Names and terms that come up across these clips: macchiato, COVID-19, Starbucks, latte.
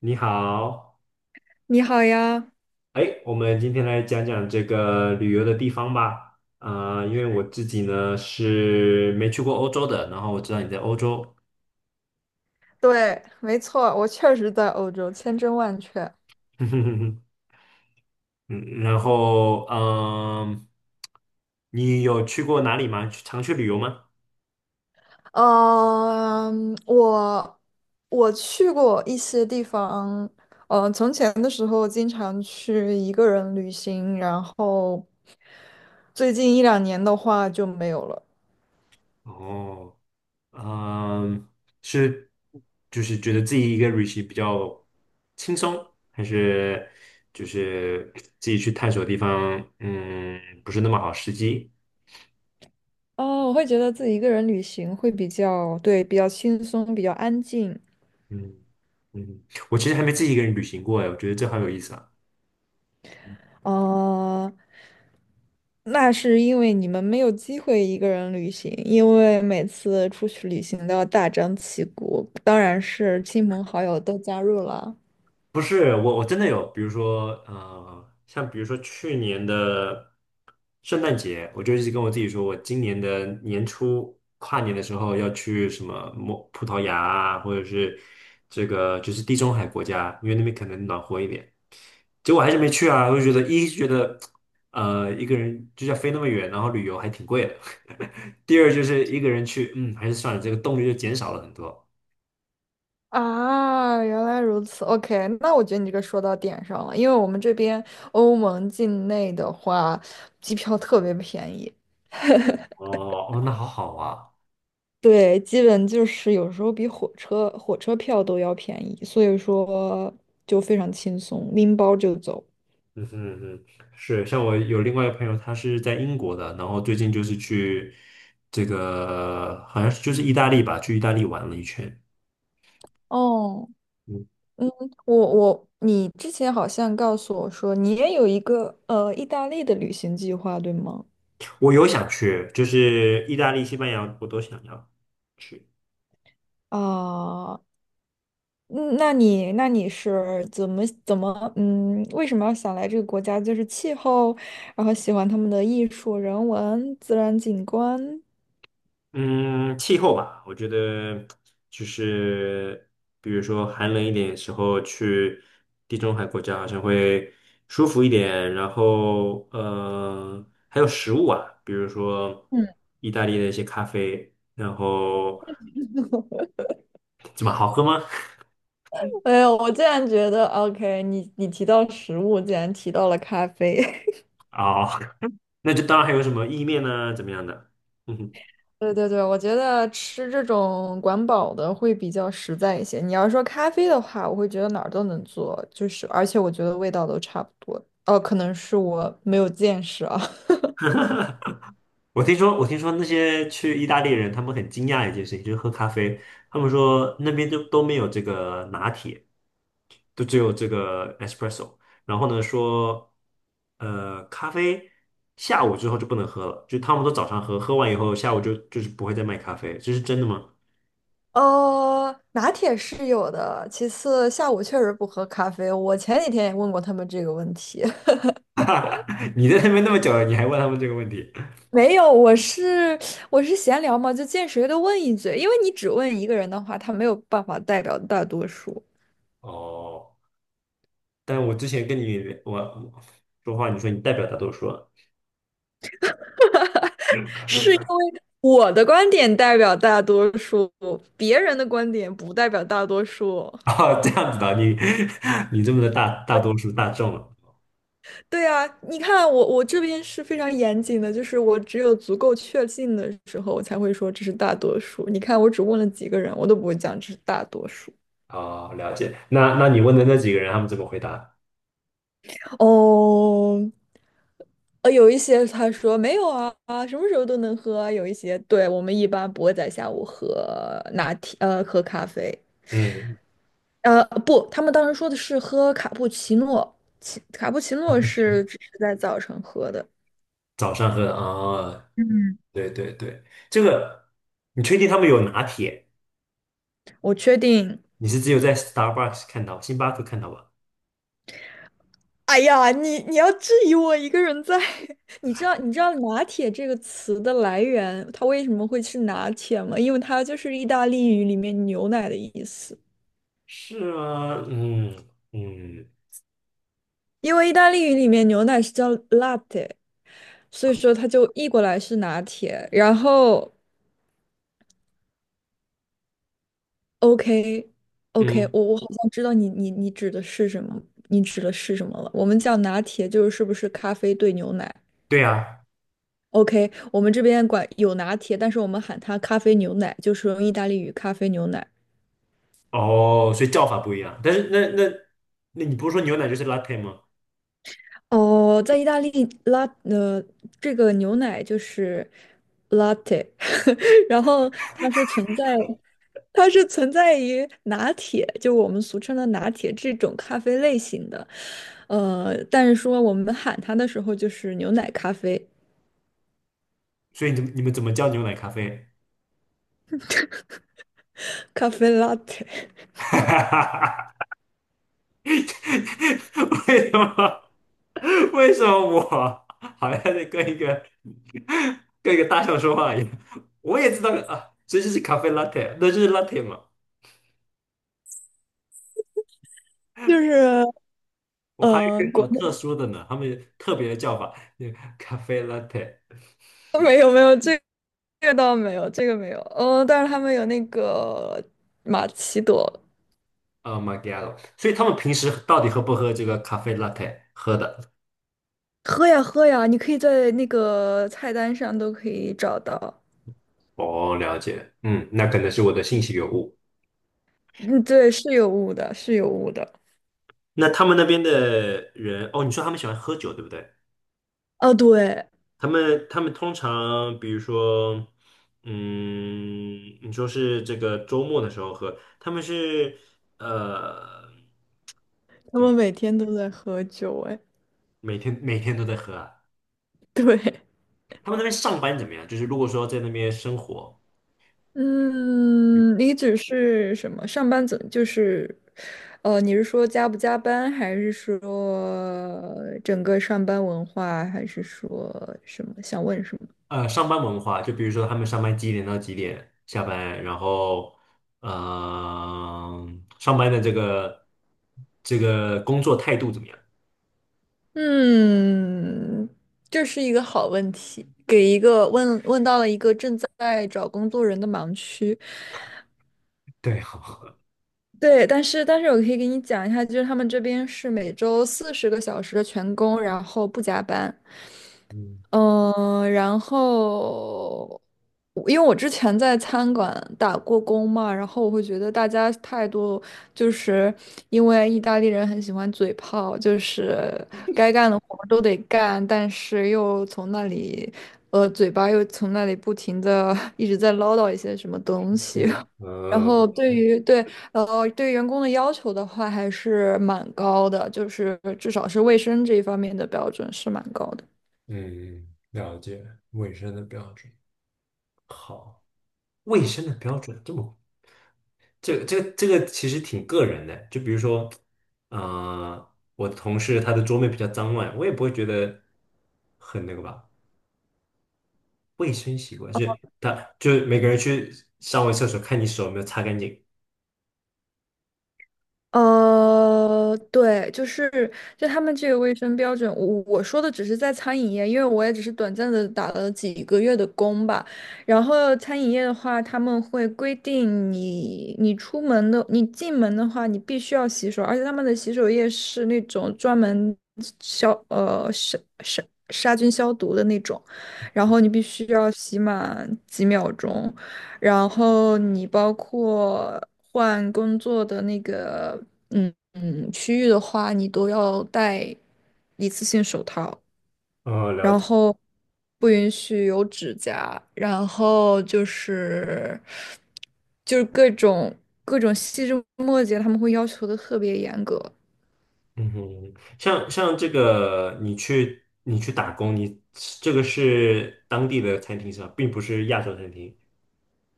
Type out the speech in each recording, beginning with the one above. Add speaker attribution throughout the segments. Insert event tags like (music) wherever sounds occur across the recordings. Speaker 1: 你好，
Speaker 2: 你好呀，
Speaker 1: 哎，我们今天来讲讲这个旅游的地方吧。啊，因为我自己呢是没去过欧洲的，然后我知道你在欧洲。
Speaker 2: 对，没错，我确实在欧洲，千真万确。
Speaker 1: (laughs) 嗯。然后你有去过哪里吗？去常去旅游吗？
Speaker 2: 嗯，我我去过一些地方，从前的时候经常去一个人旅行，然后最近一两年的话就没有了。
Speaker 1: 哦，嗯，是，就是觉得自己一个旅行比较轻松，还是就是自己去探索地方，不是那么好时机？
Speaker 2: 哦，我会觉得自己一个人旅行会比较，对，比较轻松，比较安静。
Speaker 1: 嗯嗯。我其实还没自己一个人旅行过哎，我觉得这好有意思啊。
Speaker 2: 哦，那是因为你们没有机会一个人旅行，因为每次出去旅行都要大张旗鼓，当然是亲朋好友都加入了。
Speaker 1: 不是我，我真的有，比如说，像比如说去年的圣诞节，我就一直跟我自己说，我今年的年初跨年的时候要去什么葡萄牙啊，或者是这个就是地中海国家，因为那边可能暖和一点。结果还是没去啊，我就觉得一是觉得，一个人就要飞那么远，然后旅游还挺贵的。(laughs) 第二就是一个人去，还是算了，这个动力就减少了很多。
Speaker 2: 啊，原来如此。OK，那我觉得你这个说到点上了，因为我们这边欧盟境内的话，机票特别便宜。
Speaker 1: 哦哦，那好好啊。
Speaker 2: 对，基本就是有时候比火车票都要便宜，所以说就非常轻松，拎包就走。
Speaker 1: 嗯哼，嗯哼。是，像我有另外一个朋友，他是在英国的，然后最近就是去这个好像是就是意大利吧，去意大利玩了一圈。
Speaker 2: 哦。
Speaker 1: 嗯，
Speaker 2: 你之前好像告诉我说你也有一个意大利的旅行计划，对吗？
Speaker 1: 我有想去，就是意大利、西班牙我都想要去。
Speaker 2: 啊，嗯那你那你是怎么为什么要想来这个国家？就是气候，然后喜欢他们的艺术、人文、自然景观。
Speaker 1: 嗯，气候吧，我觉得就是比如说寒冷一点的时候去地中海国家好像会舒服一点，然后还有食物啊，比如说
Speaker 2: 嗯，
Speaker 1: 意大利的一些咖啡，然后怎么好喝吗？
Speaker 2: 哎呦，我竟然觉得，OK，你提到食物，竟然提到了咖啡。
Speaker 1: (laughs) 哦，那就当然还有什么意面呢、怎么样的？嗯哼。
Speaker 2: 对对对，我觉得吃这种管饱的会比较实在一些。你要说咖啡的话，我会觉得哪儿都能做，就是而且我觉得味道都差不多。哦，可能是我没有见识啊。
Speaker 1: 我听说那些去意大利人他们很惊讶一件事情，就是喝咖啡，他们说那边都没有这个拿铁。都只有这个 espresso。然后呢，说咖啡下午之后就不能喝了，就他们都早上喝，喝完以后下午就是不会再卖咖啡，这是真的吗？
Speaker 2: (laughs) 拿铁是有的，其次下午确实不喝咖啡。我前几天也问过他们这个问题。
Speaker 1: (laughs) 你在那边那么久了，你还问他们这个问题？
Speaker 2: (laughs) 没有，我是闲聊嘛，就见谁都问一嘴，因为你只问一个人的话，他没有办法代表大多数。
Speaker 1: 哦，但我之前跟你我说话，你说你代表大多数啊。
Speaker 2: 是。我的观点代表大多数，别人的观点不代表大多数。
Speaker 1: (laughs) 哦，这样子的，你 (laughs) 你这么的大大多数大众了。
Speaker 2: 对啊，你看我这边是非常严谨的，就是我只有足够确信的时候，我才会说这是大多数。你看，我只问了几个人，我都不会讲这是大多数。
Speaker 1: 哦，了解。那那你问的那几个人，他们怎么回答？
Speaker 2: 哦，有一些他说没有啊，啊，什么时候都能喝啊，有一些，对，我们一般不会在下午喝拿铁，喝咖啡。
Speaker 1: 嗯，
Speaker 2: 不，他们当时说的是喝卡布奇诺卡布奇诺是只是在早晨喝的。
Speaker 1: 早上喝的啊，哦，对对对。这个你确定他们有拿铁？
Speaker 2: 我确定。
Speaker 1: 你是只有在 Starbucks 看到，星巴克看到吧？
Speaker 2: 哎呀，你要质疑我一个人在？(laughs) 你知道拿铁这个词的来源，它为什么会是拿铁吗？因为它就是意大利语里面牛奶的意思。
Speaker 1: 是吗？嗯嗯
Speaker 2: 因为意大利语里面牛奶是叫 latte，所以说它就译过来是拿铁。然后 OK， OK，
Speaker 1: 嗯，
Speaker 2: 我好像知道你指的是什么，你指的是什么了？我们叫拿铁就是是不是咖啡兑牛奶
Speaker 1: 对啊。
Speaker 2: ？OK，我们这边管有拿铁，但是我们喊它咖啡牛奶，就是用意大利语咖啡牛奶。
Speaker 1: 哦，所以叫法不一样。但是那你不是说牛奶就是 latte 吗？
Speaker 2: 哦，在意大利拉呃，这个牛奶就是 latte。(laughs) 然后它是存在。它是存在于拿铁，就我们俗称的拿铁这种咖啡类型的，呃，但是说我们喊它的时候就是牛奶咖啡，
Speaker 1: 所以你你们怎么叫牛奶咖啡？
Speaker 2: 咖啡 l 铁，
Speaker 1: (laughs) 为什么为什么我好像在跟一个大象说话一样？我也知道啊，所以这就是咖啡 latte，那就是 latte 嘛。
Speaker 2: 就是
Speaker 1: 我还以为是有一
Speaker 2: 国
Speaker 1: 种特
Speaker 2: 内。
Speaker 1: 殊的呢，他们有特别的叫法，那个咖啡 latte，
Speaker 2: (laughs) 没有没有这个倒没有，这个没有，但是他们有那个玛奇朵。
Speaker 1: 呃 machiato 所以他们平时到底喝不喝这个咖啡 latte 喝的？
Speaker 2: 喝呀喝呀，你可以在那个菜单上都可以找到。
Speaker 1: 哦，了解，嗯，那可能是我的信息有误。
Speaker 2: 嗯，对，是有雾的，是有雾的。
Speaker 1: 那他们那边的人，哦，你说他们喜欢喝酒，对不对？
Speaker 2: 哦，对，
Speaker 1: 他们通常，比如说，嗯，你说是这个周末的时候喝，他们是呃，
Speaker 2: 他
Speaker 1: 怎么
Speaker 2: 们每天都在喝酒，哎，
Speaker 1: 每天都在喝啊？
Speaker 2: 对。
Speaker 1: 他们那边上班怎么样？就是如果说在那边生活。嗯
Speaker 2: 嗯，你只是什么？上班怎就是，呃，你是说加不加班，还是说整个上班文化，还是说什么？想问什么？
Speaker 1: 呃，上班文化，就比如说他们上班几点到几点下班，然后呃，上班的这个工作态度怎么样？
Speaker 2: 嗯，这是一个好问题，给一个问到了一个正在找工作人的盲区。
Speaker 1: 对，好，
Speaker 2: 对，但是我可以给你讲一下，就是他们这边是每周40个小时的全工，然后不加班。
Speaker 1: 嗯，
Speaker 2: 嗯，然后因为我之前在餐馆打过工嘛，然后我会觉得大家态度就是因为意大利人很喜欢嘴炮，就是该干的活儿都得干，但是又从那里，呃，嘴巴又从那里不停的 (laughs) 一直在唠叨一些什么东西。(laughs)
Speaker 1: 书，
Speaker 2: 然
Speaker 1: 嗯
Speaker 2: 后对于对呃对员工的要求的话，还是蛮高的，就是至少是卫生这一方面的标准是蛮高的。
Speaker 1: 嗯，了解，卫生的标准，好。卫生的标准这个其实挺个人的，就比如说，呃，我的同事他的桌面比较脏乱，我也不会觉得很那个吧。卫生习惯，就是他就是每个人去上完厕所看你手有没有擦干净。
Speaker 2: 对，就是他们这个卫生标准，我说的只是在餐饮业，因为我也只是短暂的打了几个月的工吧。然后餐饮业的话，他们会规定你出门的，你进门的话，你必须要洗手，而且他们的洗手液是那种专门消呃杀杀杀菌消毒的那种，然后你必须要洗满几秒钟。然后你包括换工作的那个，区域的话，你都要戴一次性手套。
Speaker 1: 哦，了
Speaker 2: 然
Speaker 1: 解。
Speaker 2: 后不允许有指甲，然后就是各种细枝末节，他们会要求的特别严格。
Speaker 1: 嗯哼。像这个你去打工，你这个是当地的餐厅是吧，并不是亚洲餐厅。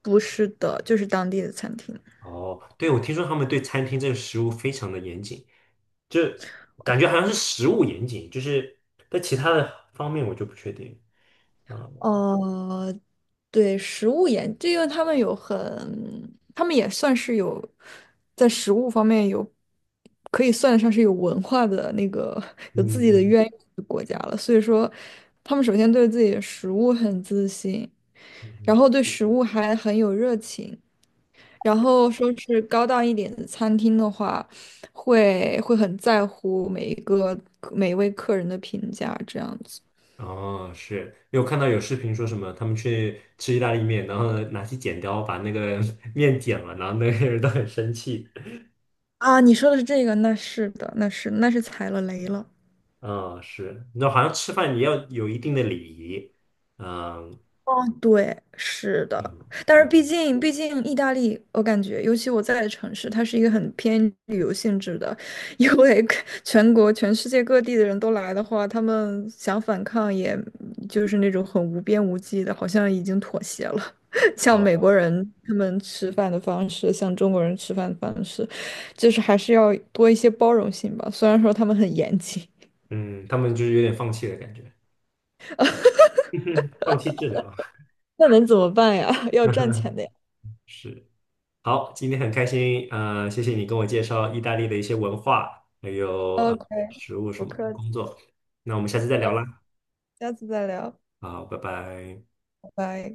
Speaker 2: 不是的，就是当地的餐厅。
Speaker 1: 哦，对，我听说他们对餐厅这个食物非常的严谨。就感觉好像是食物严谨，就是在其他的方面我就不确定啊。
Speaker 2: 呃，对，食物研，这个他们也算是有在食物方面有，可以算得上是有文化的那个 (laughs) 有
Speaker 1: 嗯
Speaker 2: 自己的渊
Speaker 1: 嗯
Speaker 2: 源的国家了。所以说，他们首先对自己的食物很自信，
Speaker 1: 嗯
Speaker 2: 然
Speaker 1: 嗯，
Speaker 2: 后对食物还很有热情，然后说是高档一点的餐厅的话，会很在乎每一位客人的评价，这样子。
Speaker 1: 哦，是，因为我看到有视频说什么，他们去吃意大利面，然后呢拿起剪刀把那个 (laughs) 面剪了，然后那些人都很生气。
Speaker 2: 啊，你说的是这个，那是的，那是踩了雷了。
Speaker 1: 啊，是，你知道好像吃饭也要有一定的礼仪。嗯，
Speaker 2: 哦，对，是的，
Speaker 1: 嗯，
Speaker 2: 但是毕竟意大利，我感觉，尤其我在的城市，它是一个很偏旅游性质的，因为 (laughs) 全世界各地的人都来的话，他们想反抗，也就是那种很无边无际的，好像已经妥协了。(laughs) 像
Speaker 1: 好
Speaker 2: 美
Speaker 1: 吧，
Speaker 2: 国人他们吃饭的方式，像中国人吃饭的方式，就是还是要多一些包容性吧。虽然说他们很严谨。
Speaker 1: 嗯，他们就是有点放弃的感觉，放弃治疗。
Speaker 2: 那能怎么办呀？(laughs) 要赚
Speaker 1: (laughs)
Speaker 2: 钱的呀。
Speaker 1: 是。好，今天很开心，谢谢你跟我介绍意大利的一些文化，还有
Speaker 2: OK，
Speaker 1: 食物什
Speaker 2: 不
Speaker 1: 么的
Speaker 2: 客气，
Speaker 1: 工作。那我们下次再
Speaker 2: 呃，
Speaker 1: 聊啦，
Speaker 2: 下次再聊，
Speaker 1: 好，拜拜。
Speaker 2: 拜拜。